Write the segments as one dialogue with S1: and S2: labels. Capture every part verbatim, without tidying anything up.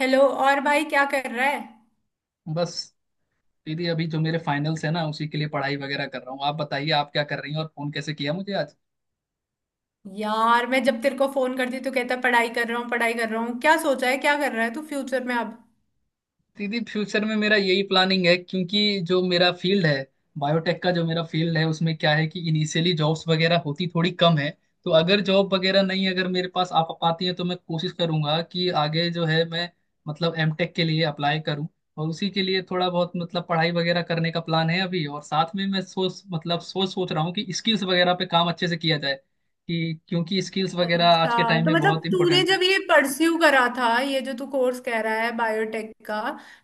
S1: Hello. और भाई क्या कर रहा है।
S2: बस। दीदी अभी जो मेरे फाइनल्स है ना उसी के लिए पढ़ाई वगैरह कर रहा हूँ। आप बताइए, आप क्या कर रही हैं और फोन कैसे किया मुझे आज?
S1: यार, मैं जब तेरे को फोन करती तो कहता पढ़ाई कर रहा हूँ, पढ़ाई कर रहा हूँ। क्या सोचा है, क्या कर रहा है तू फ्यूचर में अब।
S2: दीदी फ्यूचर में मेरा यही प्लानिंग है क्योंकि जो मेरा फील्ड है, बायोटेक का जो मेरा फील्ड है, उसमें क्या है कि इनिशियली जॉब्स वगैरह होती थोड़ी कम है। तो अगर जॉब वगैरह नहीं अगर मेरे पास आ पाती है तो मैं कोशिश करूंगा कि आगे जो है मैं मतलब एम टेक के लिए अप्लाई करूं। और उसी के लिए थोड़ा बहुत मतलब पढ़ाई वगैरह करने का प्लान है अभी। और साथ में मैं सोच मतलब सोच सोच रहा हूँ कि स्किल्स वगैरह पे काम अच्छे से किया जाए। कि क्योंकि स्किल्स वगैरह आज के
S1: अच्छा,
S2: टाइम
S1: तो
S2: में
S1: मतलब
S2: बहुत
S1: तूने
S2: इंपॉर्टेंट है।
S1: जब ये परस्यू करा था, ये जो तू कोर्स कह रहा है बायोटेक का,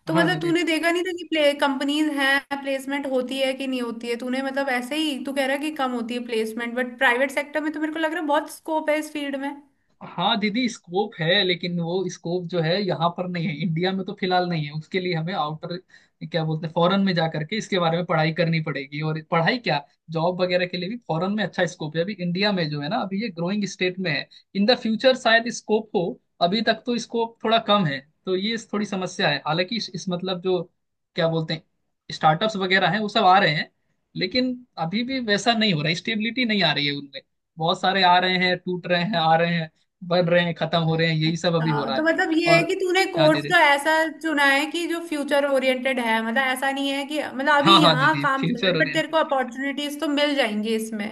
S1: तो
S2: हाँ
S1: मतलब
S2: दीदी।
S1: तूने देखा नहीं था कि प्ले कंपनीज हैं, प्लेसमेंट होती है कि नहीं होती है। तूने मतलब ऐसे ही तू कह रहा है कि कम होती है प्लेसमेंट, बट प्राइवेट सेक्टर में तो मेरे को लग रहा है बहुत स्कोप है इस फील्ड में।
S2: हाँ दीदी स्कोप है, लेकिन वो स्कोप जो है यहाँ पर नहीं है, इंडिया में तो फिलहाल नहीं है। उसके लिए हमें आउटर क्या बोलते हैं फॉरेन में जा करके इसके बारे में पढ़ाई करनी पड़ेगी। और पढ़ाई क्या, जॉब वगैरह के लिए भी फॉरेन में अच्छा स्कोप है। अभी इंडिया में जो है ना अभी ये ग्रोइंग स्टेट में है। इन द फ्यूचर शायद स्कोप हो, अभी तक तो स्कोप थोड़ा कम है। तो ये थोड़ी समस्या है। हालांकि इस, इस मतलब जो क्या बोलते हैं स्टार्टअप्स वगैरह हैं वो सब आ रहे हैं। लेकिन अभी भी वैसा नहीं हो रहा, स्टेबिलिटी नहीं आ रही है उनमें। बहुत सारे आ रहे हैं, टूट रहे हैं, आ रहे हैं, बढ़ रहे हैं, खत्म हो रहे हैं, यही सब अभी हो
S1: अच्छा,
S2: रहा
S1: तो
S2: है।
S1: मतलब ये है
S2: और
S1: कि तूने
S2: हाँ
S1: कोर्स
S2: दीदी।
S1: तो ऐसा चुना है कि जो फ्यूचर ओरिएंटेड है, मतलब ऐसा नहीं है कि मतलब अभी
S2: हाँ हाँ
S1: यहाँ
S2: दीदी
S1: काम चल रहा
S2: फ्यूचर
S1: है, बट तेरे
S2: ओरिएंटेड।
S1: को अपॉर्चुनिटीज तो मिल जाएंगी इसमें।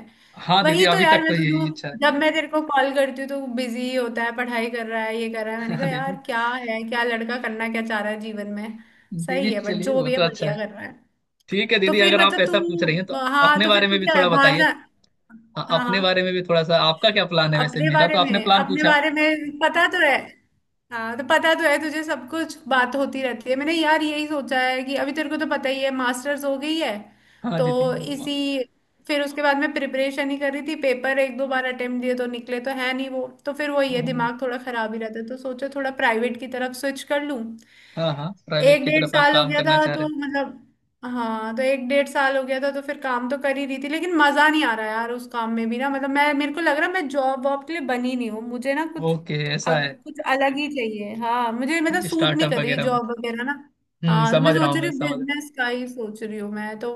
S2: हाँ दीदी
S1: वही तो
S2: अभी
S1: यार,
S2: तक तो
S1: मैं
S2: यही
S1: तो
S2: इच्छा है।
S1: जब मैं तेरे को कॉल करती हूँ तो बिजी होता है, पढ़ाई कर रहा है, ये कर रहा है। मैंने
S2: हाँ
S1: कहा
S2: दीदी।
S1: यार क्या है, क्या लड़का करना क्या चाह रहा है जीवन में।
S2: दीदी
S1: सही है, बट
S2: चलिए
S1: जो
S2: वो
S1: भी है
S2: तो अच्छा
S1: बढ़िया
S2: है।
S1: कर रहा है।
S2: ठीक है
S1: तो
S2: दीदी
S1: फिर
S2: अगर आप
S1: मतलब
S2: ऐसा पूछ रही हैं तो
S1: तू, हाँ,
S2: अपने
S1: तो फिर
S2: बारे में
S1: तू
S2: भी
S1: क्या है
S2: थोड़ा
S1: बाहर
S2: बताइए।
S1: जा।
S2: हाँ
S1: हाँ,
S2: अपने
S1: हाँ।
S2: बारे में भी थोड़ा सा आपका क्या प्लान है? वैसे
S1: अपने
S2: मेरा
S1: बारे
S2: तो आपने
S1: में
S2: प्लान
S1: अपने
S2: पूछा।
S1: बारे में पता तो है। हाँ, तो पता तो है तुझे सब कुछ, बात होती रहती है। मैंने यार यही सोचा है कि अभी तेरे को तो पता ही है मास्टर्स हो गई है।
S2: हाँ
S1: तो
S2: दीदी।
S1: इसी, फिर उसके बाद मैं प्रिपरेशन ही कर रही थी। पेपर एक दो बार अटेम्प्ट दिए तो निकले तो है नहीं। वो तो फिर वही है
S2: ओह,
S1: दिमाग थोड़ा खराब ही रहता है, तो सोचा थोड़ा प्राइवेट की तरफ स्विच कर लूँ।
S2: हाँ हाँ प्राइवेट
S1: एक
S2: की
S1: डेढ़
S2: तरफ आप
S1: साल हो
S2: काम
S1: गया
S2: करना
S1: था
S2: चाह
S1: तो
S2: रहे
S1: मतलब, हाँ, तो एक डेढ़ साल हो गया था तो फिर काम तो कर ही रही थी, लेकिन मजा नहीं आ रहा यार उस काम में भी ना। मतलब मैं, मेरे को लग रहा है मैं जॉब वॉब के लिए बनी नहीं हूँ। मुझे ना
S2: हैं।
S1: कुछ
S2: ओके
S1: अ-
S2: ऐसा
S1: कुछ अलग ही चाहिए। हाँ, मुझे मतलब
S2: है
S1: सूट नहीं
S2: स्टार्टअप
S1: कर रही
S2: वगैरह में।
S1: जॉब वगैरह ना।
S2: हम्म
S1: हाँ, तो मैं
S2: समझ रहा
S1: सोच
S2: हूँ,
S1: रही
S2: मैं
S1: हूँ
S2: समझ रहा
S1: बिजनेस का ही सोच रही हूँ। मैं तो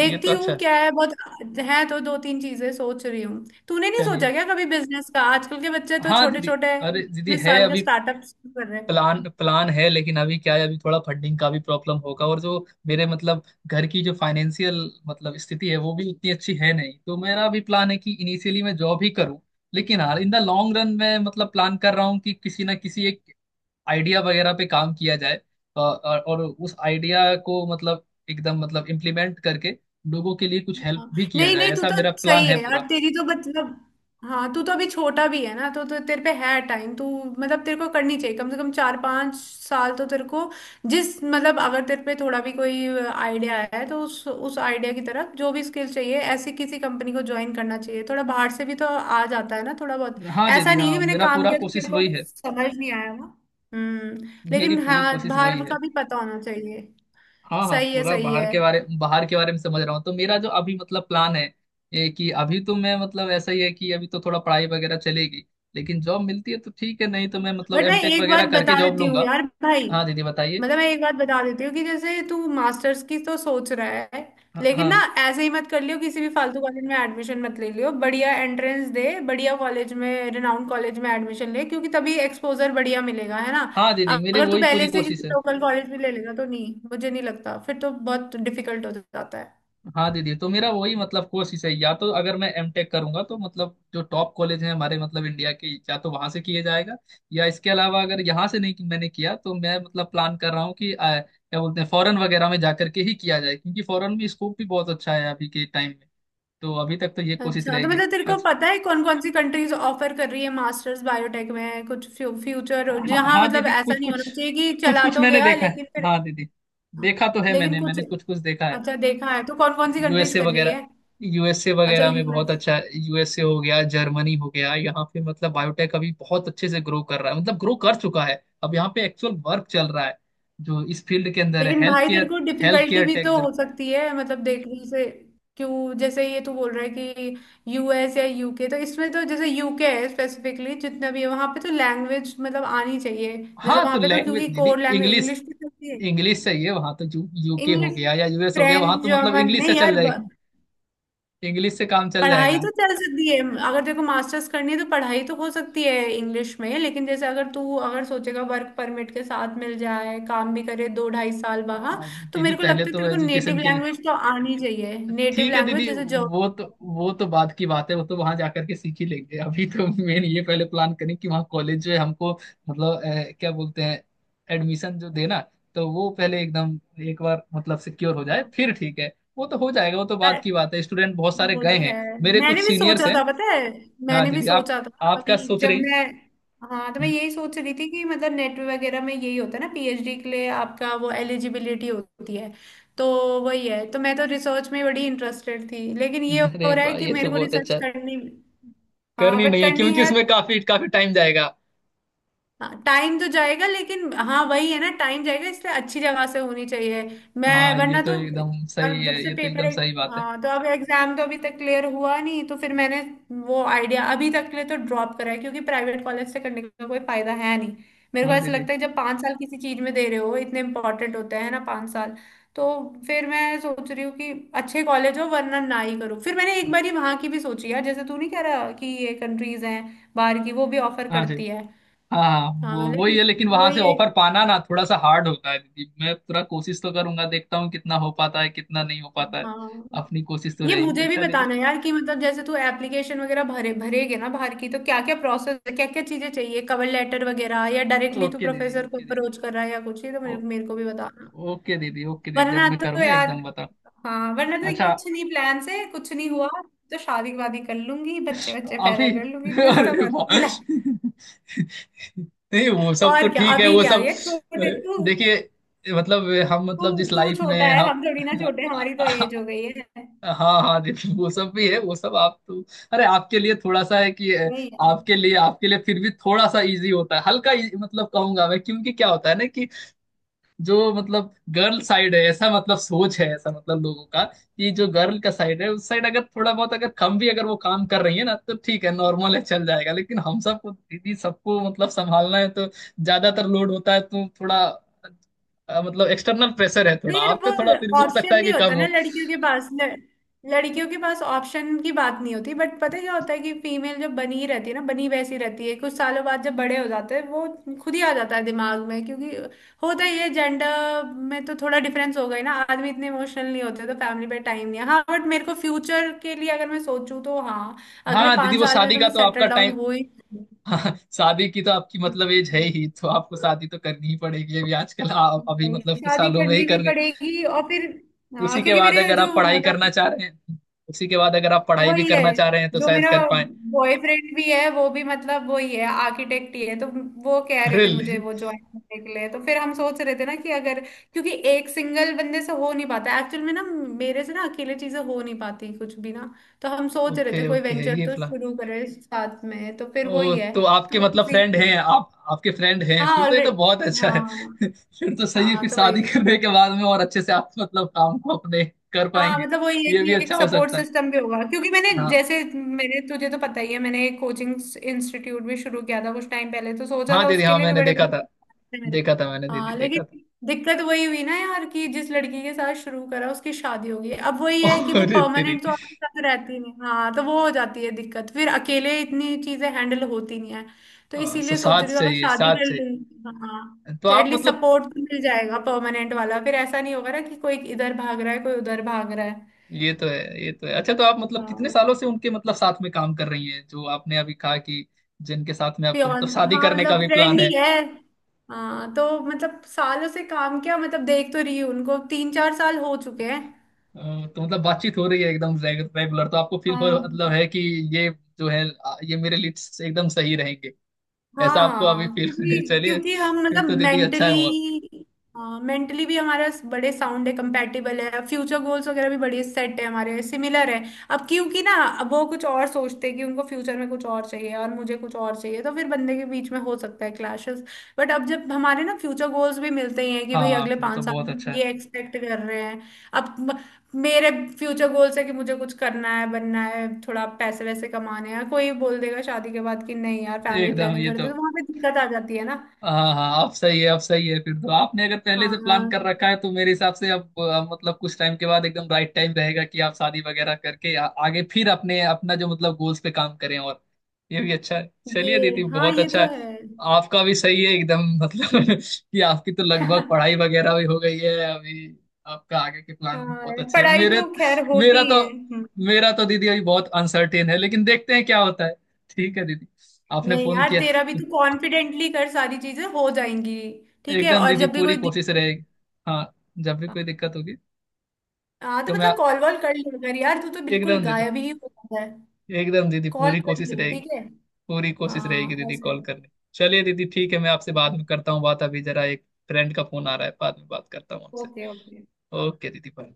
S2: हूँ। ये तो अच्छा
S1: हूँ
S2: है।
S1: क्या है, बहुत है तो दो तीन चीजें सोच रही हूँ। तूने नहीं सोचा
S2: चलिए।
S1: क्या कभी बिजनेस का? आजकल के बच्चे तो
S2: हाँ
S1: छोटे
S2: दीदी।
S1: छोटे
S2: अरे दीदी
S1: उन्नीस
S2: है
S1: साल का
S2: अभी
S1: स्टार्टअप कर रहे हैं।
S2: प्लान प्लान है। लेकिन अभी क्या है अभी थोड़ा फंडिंग का भी प्रॉब्लम होगा। और जो मेरे मतलब घर की जो फाइनेंशियल मतलब स्थिति है वो भी उतनी अच्छी है नहीं। तो मेरा भी प्लान है कि इनिशियली मैं जॉब ही करूं। लेकिन हाँ इन द लॉन्ग रन मैं मतलब प्लान कर रहा हूँ कि किसी ना किसी एक आइडिया वगैरह पे काम किया जाए। अ, और और उस आइडिया को मतलब एकदम मतलब इम्प्लीमेंट करके लोगों के लिए कुछ हेल्प
S1: हाँ।
S2: भी किया
S1: नहीं,
S2: जाए,
S1: नहीं, तू
S2: ऐसा
S1: तो
S2: मेरा प्लान
S1: सही
S2: है
S1: है
S2: पूरा।
S1: यार। तेरी तो मतलब, हाँ, तू तो अभी छोटा भी है ना, तो, तो तेरे पे है टाइम। तू मतलब तेरे को करनी चाहिए कम से कम चार पांच साल तो तेरे को जिस मतलब अगर तेरे पे थोड़ा भी कोई आइडिया है तो उस उस आइडिया की तरफ जो भी स्किल चाहिए ऐसी किसी कंपनी को ज्वाइन करना चाहिए, थोड़ा बाहर से भी तो आ जाता है ना थोड़ा बहुत।
S2: हाँ
S1: ऐसा
S2: दीदी
S1: नहीं है कि
S2: हाँ
S1: मैंने
S2: मेरा
S1: काम
S2: पूरा
S1: किया तो
S2: कोशिश
S1: मेरे को
S2: वही
S1: कुछ
S2: है।
S1: समझ नहीं आया ना। हम्म
S2: मेरी
S1: लेकिन
S2: पूरी
S1: हाँ,
S2: कोशिश वही
S1: बाहर
S2: है।
S1: का भी पता होना चाहिए।
S2: हाँ हाँ
S1: सही है,
S2: पूरा
S1: सही
S2: बाहर
S1: है।
S2: के बारे बाहर के बारे में समझ रहा हूँ। तो मेरा जो अभी मतलब प्लान है ये कि अभी तो मैं मतलब ऐसा ही है कि अभी तो थोड़ा पढ़ाई वगैरह चलेगी। लेकिन जॉब मिलती है तो ठीक है, नहीं तो मैं मतलब
S1: बट मैं
S2: एम टेक
S1: एक बात
S2: वगैरह करके
S1: बता
S2: जॉब
S1: देती हूँ
S2: लूंगा।
S1: यार भाई,
S2: हाँ दीदी बताइए।
S1: मतलब मैं एक बात बता देती हूँ कि जैसे तू मास्टर्स की तो सोच रहा है,
S2: हाँ
S1: लेकिन ना
S2: हाँ।
S1: ऐसे ही मत कर लियो किसी भी फालतू कॉलेज में एडमिशन मत ले लियो। बढ़िया एंट्रेंस दे, बढ़िया कॉलेज में, रिनाउंड कॉलेज में एडमिशन ले क्योंकि तभी एक्सपोजर बढ़िया मिलेगा, है ना।
S2: हाँ दीदी मेरी
S1: अगर तू
S2: वही पूरी
S1: पहले से किसी
S2: कोशिश है।
S1: लोकल कॉलेज में ले लेगा तो नहीं, मुझे नहीं लगता, फिर तो बहुत डिफिकल्ट हो जाता है।
S2: हाँ दीदी तो मेरा वही मतलब कोशिश है या तो अगर मैं एमटेक करूंगा तो मतलब जो टॉप कॉलेज हैं हमारे मतलब इंडिया के, या तो वहां से किया जाएगा। या इसके अलावा अगर यहाँ से नहीं मैंने किया तो मैं मतलब प्लान कर रहा हूँ कि आ, क्या बोलते हैं फॉरेन वगैरह में जाकर के ही किया जाए, क्योंकि फॉरेन में स्कोप भी बहुत अच्छा है अभी के टाइम में। तो अभी तक तो ये कोशिश
S1: अच्छा, तो
S2: रहेगी।
S1: मतलब तेरे को
S2: अच्छा।
S1: पता है कौन कौन सी कंट्रीज ऑफर कर रही है मास्टर्स बायोटेक में, कुछ फ्यूचर
S2: हाँ
S1: जहाँ,
S2: हाँ
S1: मतलब
S2: दीदी
S1: ऐसा
S2: कुछ
S1: नहीं
S2: कुछ
S1: होना चाहिए कि
S2: कुछ
S1: चला
S2: कुछ
S1: तो
S2: मैंने
S1: गया
S2: देखा है।
S1: लेकिन फिर।
S2: हाँ दीदी देखा तो है
S1: लेकिन
S2: मैंने,
S1: कुछ,
S2: मैंने कुछ कुछ देखा है।
S1: अच्छा, देखा है तो कौन कौन सी कंट्रीज
S2: यूएसए
S1: कर रही
S2: वगैरह।
S1: है।
S2: यू एस ए
S1: अच्छा,
S2: वगैरह में बहुत
S1: यू एस।
S2: अच्छा, यू एस ए हो गया, जर्मनी हो गया। यहाँ पे मतलब बायोटेक अभी बहुत अच्छे से ग्रो कर रहा है, मतलब ग्रो कर चुका है। अब यहाँ पे एक्चुअल वर्क चल रहा है जो इस फील्ड के अंदर है,
S1: लेकिन
S2: हेल्थ
S1: भाई तेरे
S2: केयर।
S1: को
S2: हेल्थ
S1: डिफिकल्टी
S2: केयर
S1: भी तो
S2: टेक।
S1: हो सकती है मतलब देखने से क्यों, जैसे ये तू बोल रहा है कि यू एस या यू के, तो इसमें तो जैसे यू के है स्पेसिफिकली, जितना भी है वहां पे तो लैंग्वेज मतलब आनी चाहिए। जैसे
S2: हाँ तो
S1: वहां पे तो
S2: लैंग्वेज
S1: क्योंकि
S2: दीदी
S1: कोर लैंग्वेज
S2: इंग्लिश।
S1: इंग्लिश भी चलती है।
S2: इंग्लिश चाहिए वहां तो, यू यूके हो
S1: इंग्लिश,
S2: गया या यू एस हो गया वहां
S1: फ्रेंच,
S2: तो मतलब
S1: जर्मन
S2: इंग्लिश से
S1: नहीं
S2: चल
S1: यार, ब-
S2: जाएगी। इंग्लिश से काम चल
S1: पढ़ाई
S2: जाएगा।
S1: तो चल सकती है। अगर देखो मास्टर्स करनी है तो पढ़ाई तो हो सकती है इंग्लिश में, लेकिन जैसे अगर तू अगर सोचेगा वर्क परमिट के साथ मिल जाए, काम भी करे दो ढाई साल वहां।
S2: आ,
S1: तो
S2: दीदी
S1: मेरे को
S2: पहले
S1: लगता है
S2: तो
S1: तेरे को नेटिव
S2: एजुकेशन के लिए
S1: लैंग्वेज तो आनी चाहिए। नेटिव
S2: ठीक है
S1: लैंग्वेज
S2: दीदी।
S1: जैसे
S2: वो तो वो तो बाद की बात है, वो तो वहां जाकर के सीख ही लेंगे। अभी तो मेन ये पहले प्लान करें कि वहाँ कॉलेज जो है हमको मतलब अ, क्या बोलते हैं एडमिशन जो देना, तो वो पहले एकदम एक बार मतलब सिक्योर हो जाए,
S1: जर्मन।
S2: फिर ठीक है। वो तो हो जाएगा, वो तो बाद की बात है। स्टूडेंट बहुत सारे
S1: वो
S2: गए
S1: तो है,
S2: हैं, मेरे कुछ
S1: मैंने भी
S2: सीनियर्स
S1: सोचा
S2: हैं।
S1: था, पता है?
S2: हाँ
S1: मैंने भी
S2: दीदी आप
S1: सोचा था
S2: आप क्या
S1: अभी
S2: सोच
S1: जब
S2: रही हैं?
S1: मैं, हाँ, तो मैं यही सोच रही थी कि मतलब नेट वगैरह में यही होता है ना, पी एच डी के लिए आपका वो एलिजिबिलिटी होती है। तो वही है, तो मैं तो रिसर्च में बड़ी इंटरेस्टेड थी लेकिन ये
S2: हम्म, अरे
S1: हो रहा है
S2: वाह
S1: कि
S2: ये तो
S1: मेरे को
S2: बहुत
S1: रिसर्च
S2: अच्छा।
S1: करनी, हाँ
S2: करनी
S1: बट
S2: नहीं है
S1: करनी
S2: क्योंकि
S1: है तो।
S2: उसमें काफी काफी टाइम जाएगा।
S1: हाँ, टाइम तो जाएगा लेकिन हाँ वही है ना, टाइम जाएगा इसलिए अच्छी जगह से होनी चाहिए, मैं
S2: हाँ ये
S1: वरना
S2: तो
S1: तो।
S2: एकदम सही
S1: और जब
S2: है,
S1: से
S2: ये तो
S1: पेपर,
S2: एकदम सही बात है।
S1: हाँ, तो अब एग्जाम तो अभी तक क्लियर हुआ नहीं तो फिर मैंने वो आइडिया अभी तक के लिए तो ड्रॉप करा है क्योंकि प्राइवेट कॉलेज से करने का कोई फायदा है नहीं। मेरे को
S2: हाँ
S1: ऐसा
S2: दीदी।
S1: लगता है जब पाँच साल किसी चीज में दे रहे हो, इतने इंपॉर्टेंट होते हैं ना पाँच साल। तो फिर मैं सोच रही हूँ कि अच्छे कॉलेज हो वरना ना ही करो। फिर मैंने एक बार ही वहां की भी सोची है, जैसे तू नहीं कह रहा कि ये कंट्रीज हैं बाहर की, वो भी ऑफर
S2: हाँ जी।
S1: करती है।
S2: हाँ। वो
S1: हाँ,
S2: वही है लेकिन
S1: लेकिन
S2: वहां से
S1: वही है।
S2: ऑफर पाना ना थोड़ा सा हार्ड होता है दीदी। मैं पूरा कोशिश तो करूंगा, देखता हूँ कितना हो पाता है कितना नहीं हो पाता है।
S1: हाँ,
S2: अपनी कोशिश तो
S1: ये
S2: रहेगी।
S1: मुझे भी
S2: अच्छा दीदी।
S1: बताना यार कि मतलब जैसे तू एप्लीकेशन वगैरह भरे भरेगे ना बाहर की, तो क्या क्या प्रोसेस, क्या क्या चीजें चाहिए, कवर लेटर वगैरह, या डायरेक्टली तू
S2: ओके दीदी
S1: प्रोफेसर को
S2: ओके दीदी।
S1: अप्रोच कर रहा है या कुछ, ये तो
S2: ओ,
S1: मेरे, मेरे को भी बताना।
S2: ओके दीदी ओके दीदी जब
S1: वरना
S2: मैं
S1: तो
S2: करूंगा
S1: यार,
S2: एकदम बताओ।
S1: हाँ, वरना तो
S2: अच्छा
S1: कुछ नहीं, प्लान से कुछ नहीं हुआ। तो शादी वादी कर लूंगी, बच्चे बच्चे पैदा
S2: अभी
S1: कर लूंगी, कुछ तो
S2: अरे
S1: करूंगी
S2: वाह।
S1: लाइफ।
S2: नहीं वो सब तो
S1: और क्या,
S2: ठीक है
S1: अभी
S2: वो
S1: क्या
S2: सब।
S1: ये
S2: अ,
S1: छोटे तू,
S2: देखिए मतलब हम
S1: तू
S2: मतलब जिस
S1: तू
S2: लाइफ
S1: छोटा
S2: में
S1: है,
S2: हम
S1: हम थोड़ी ना छोटे, हमारी तो एज हो गई है।
S2: हाँ हाँ जी। तो वो सब भी है वो सब आप तो, अरे आपके लिए थोड़ा सा है कि अ,
S1: वही है।
S2: आपके लिए आपके लिए फिर भी थोड़ा सा इजी होता है, हल्का easy, मतलब कहूंगा मैं। क्योंकि क्या होता है ना कि जो मतलब गर्ल साइड है, ऐसा मतलब सोच है, ऐसा मतलब लोगों का, कि जो गर्ल का साइड है उस साइड अगर थोड़ा बहुत अगर कम भी अगर वो काम कर रही है ना तो ठीक है, नॉर्मल है, चल जाएगा। लेकिन हम सबको दीदी सबको मतलब संभालना है तो ज्यादातर लोड होता है तो थोड़ा अ, मतलब एक्सटर्नल प्रेशर है थोड़ा।
S1: नहीं यार,
S2: आप
S1: वो
S2: पे थोड़ा फिर भी हो
S1: ऑप्शन
S2: सकता है
S1: नहीं
S2: कि कम
S1: होता ना
S2: हो।
S1: लड़कियों के पास, ल, लड़कियों के पास ऑप्शन की बात नहीं होती। बट पता है क्या होता है कि फीमेल जब बनी ही रहती है ना, बनी वैसी रहती है, कुछ सालों बाद जब बड़े हो जाते हैं, वो खुद ही आ जाता है दिमाग में। क्योंकि होता ही है, जेंडर में तो थोड़ा डिफरेंस हो गई ना, आदमी इतने इमोशनल नहीं होते तो फैमिली पे टाइम नहीं है। हाँ, बट मेरे को फ्यूचर के लिए अगर मैं सोचूं तो हाँ। अगले
S2: हाँ दीदी
S1: पांच
S2: वो
S1: साल में
S2: शादी
S1: तो
S2: का
S1: मैं
S2: तो आपका
S1: सेटल डाउन
S2: टाइम,
S1: हो ही
S2: हाँ, शादी की तो आपकी मतलब एज है ही तो आपको शादी तो करनी ही पड़ेगी अभी आजकल, आप अभी
S1: भाई,
S2: मतलब कुछ
S1: शादी
S2: सालों में ही
S1: करनी भी
S2: करनी।
S1: पड़ेगी और फिर, हाँ,
S2: उसी के
S1: क्योंकि
S2: बाद
S1: मेरे
S2: अगर आप
S1: जो
S2: पढ़ाई
S1: होना,
S2: करना चाह रहे हैं, उसी के बाद अगर आप
S1: तो
S2: पढ़ाई भी
S1: वही है
S2: करना चाह रहे हैं तो
S1: जो
S2: शायद
S1: मेरा
S2: कर पाए।
S1: बॉयफ्रेंड भी है, वो भी मतलब वही है आर्किटेक्ट ही है, तो वो कह रहे
S2: अरे
S1: थे
S2: ले।
S1: मुझे वो ज्वाइन करने के लिए। तो फिर हम सोच रहे थे ना कि अगर, क्योंकि एक सिंगल बंदे से हो नहीं पाता एक्चुअल में ना। मेरे से ना अकेले चीजें हो नहीं पाती कुछ भी ना, तो हम सोच रहे थे
S2: ओके
S1: कोई
S2: ओके
S1: वेंचर
S2: ये
S1: तो
S2: प्लान।
S1: शुरू करें साथ में, तो फिर
S2: ओ
S1: वही है।
S2: तो आपके
S1: तो
S2: मतलब
S1: इसी,
S2: फ्रेंड हैं, आप आपके फ्रेंड हैं,
S1: हाँ,
S2: फिर तो ये तो
S1: ऑलरेडी,
S2: बहुत अच्छा है।
S1: हाँ,
S2: फिर तो सही है।
S1: हाँ
S2: फिर
S1: तो
S2: शादी
S1: वही,
S2: करने के बाद में और अच्छे से आप मतलब काम को अपने कर
S1: हाँ,
S2: पाएंगे।
S1: मतलब वही है
S2: ये
S1: कि
S2: भी
S1: एक
S2: अच्छा हो
S1: सपोर्ट
S2: सकता है।
S1: सिस्टम भी होगा क्योंकि मैंने,
S2: हाँ
S1: जैसे मैंने, तुझे तो पता ही है, मैंने एक कोचिंग इंस्टीट्यूट भी शुरू किया था कुछ टाइम पहले, तो सोचा
S2: हाँ
S1: था
S2: दीदी
S1: उसके
S2: हाँ
S1: लिए भी
S2: मैंने
S1: बड़े
S2: देखा
S1: बड़े
S2: था,
S1: थे मेरे।
S2: देखा था मैंने दीदी,
S1: हाँ,
S2: देखा था।
S1: लेकिन दिक्कत वही हुई ना यार कि जिस लड़की के साथ शुरू करा उसकी शादी हो गई। अब वही है कि वो
S2: अरे तेरी।
S1: परमानेंट तो आपके साथ रहती नहीं। हाँ तो वो हो जाती है दिक्कत, फिर अकेले इतनी चीजें हैंडल होती नहीं है। तो
S2: हाँ, सो
S1: इसीलिए सोच
S2: साथ
S1: रही हूँ अगर
S2: चाहिए,
S1: शादी
S2: साथ
S1: कर
S2: चाहिए।
S1: लूँ, हाँ
S2: तो
S1: तो
S2: आप
S1: एटलीस्ट
S2: मतलब,
S1: सपोर्ट तो मिल जाएगा परमानेंट वाला। फिर ऐसा नहीं होगा ना कि कोई इधर भाग रहा है कोई उधर भाग रहा है।
S2: ये तो है ये तो है। अच्छा तो आप मतलब कितने सालों से उनके मतलब साथ में काम कर रही हैं, जो आपने अभी कहा कि जिनके साथ में आपका
S1: प्योर,
S2: मतलब शादी
S1: हाँ
S2: करने का
S1: मतलब
S2: भी प्लान
S1: फ्रेंड ही
S2: है?
S1: है। हाँ तो मतलब सालों से काम किया, मतलब देख तो रही हूँ उनको तीन चार साल हो चुके हैं।
S2: अ, तो मतलब बातचीत हो रही है एकदम रेगुलर, तो आपको फील हो
S1: हाँ,
S2: मतलब है कि ये जो है अ, ये मेरे लिए एकदम सही रहेंगे,
S1: हाँ,
S2: ऐसा
S1: हाँ,
S2: आपको अभी
S1: हाँ।
S2: फील
S1: क्योंकि
S2: चलिए
S1: क्योंकि हम
S2: फिर
S1: मतलब
S2: तो दीदी अच्छा है बहुत।
S1: मेंटली, मेंटली भी हमारे बड़े साउंड है, कंपैटिबल है। फ्यूचर गोल्स वगैरह भी बड़े सेट है हमारे, सिमिलर है। अब क्योंकि ना, अब वो कुछ और सोचते हैं कि उनको फ्यूचर में कुछ और चाहिए और मुझे कुछ और चाहिए, तो फिर बंदे के बीच में हो सकता है क्लैशेस। बट अब जब हमारे ना फ्यूचर गोल्स भी मिलते ही हैं कि भाई
S2: हाँ
S1: अगले
S2: फिर तो
S1: पाँच साल
S2: बहुत
S1: में
S2: अच्छा
S1: हम
S2: है।
S1: ये एक्सपेक्ट कर रहे हैं। अब मेरे फ्यूचर गोल्स है कि मुझे कुछ करना है, बनना है, थोड़ा पैसे वैसे कमाने हैं। कोई बोल देगा शादी के बाद कि नहीं यार फैमिली
S2: एकदम
S1: प्लानिंग
S2: ये
S1: कर
S2: तो,
S1: दे, तो वहां पे दिक्कत आ जाती है ना।
S2: हाँ हाँ आप सही है आप सही है। फिर तो आपने अगर पहले से प्लान कर
S1: हाँ
S2: रखा है तो मेरे हिसाब से अब अ, मतलब कुछ टाइम के बाद एकदम राइट टाइम रहेगा कि आप शादी वगैरह करके आ, आगे फिर अपने अपना जो मतलब गोल्स पे काम करें। और ये भी अच्छा है।
S1: जी,
S2: चलिए दीदी
S1: हाँ
S2: बहुत
S1: ये
S2: अच्छा
S1: तो
S2: है।
S1: है।
S2: आपका भी सही है एकदम मतलब कि आपकी तो लगभग पढ़ाई वगैरह भी हो गई है अभी। आपका आगे के प्लान भी
S1: हाँ
S2: बहुत
S1: यार,
S2: अच्छे हैं।
S1: पढ़ाई
S2: मेरे
S1: तो खैर होती
S2: मेरा
S1: ही
S2: तो,
S1: है। हम्म।
S2: मेरा तो दीदी अभी बहुत अनसर्टेन है, लेकिन देखते हैं क्या होता है। ठीक है दीदी आपने
S1: नहीं
S2: फोन
S1: यार,
S2: किया।
S1: तेरा भी तो कॉन्फिडेंटली कर, सारी चीजें हो जाएंगी। ठीक है,
S2: एकदम
S1: और
S2: दीदी
S1: जब भी
S2: पूरी
S1: कोई
S2: कोशिश
S1: दिक्कत,
S2: रहेगी। हाँ जब भी कोई दिक्कत होगी
S1: हाँ, तो
S2: तो मैं
S1: मतलब
S2: आ-
S1: कॉल वॉल कर लिया कर यार, तू तो बिल्कुल
S2: एकदम दीदी,
S1: गायब ही हो जाता है।
S2: एकदम दीदी
S1: कॉल
S2: पूरी
S1: कर
S2: कोशिश
S1: लियो,
S2: रहेगी।
S1: ठीक है।
S2: पूरी कोशिश रहेगी
S1: हाँ,
S2: दीदी
S1: ऐसे
S2: कॉल करने। चलिए दीदी ठीक है,
S1: ठीक।
S2: मैं आपसे बाद में करता हूँ बात। अभी जरा एक फ्रेंड का फोन आ रहा है, बाद में बात करता हूँ आपसे।
S1: Okay, okay.
S2: ओके दीदी bye।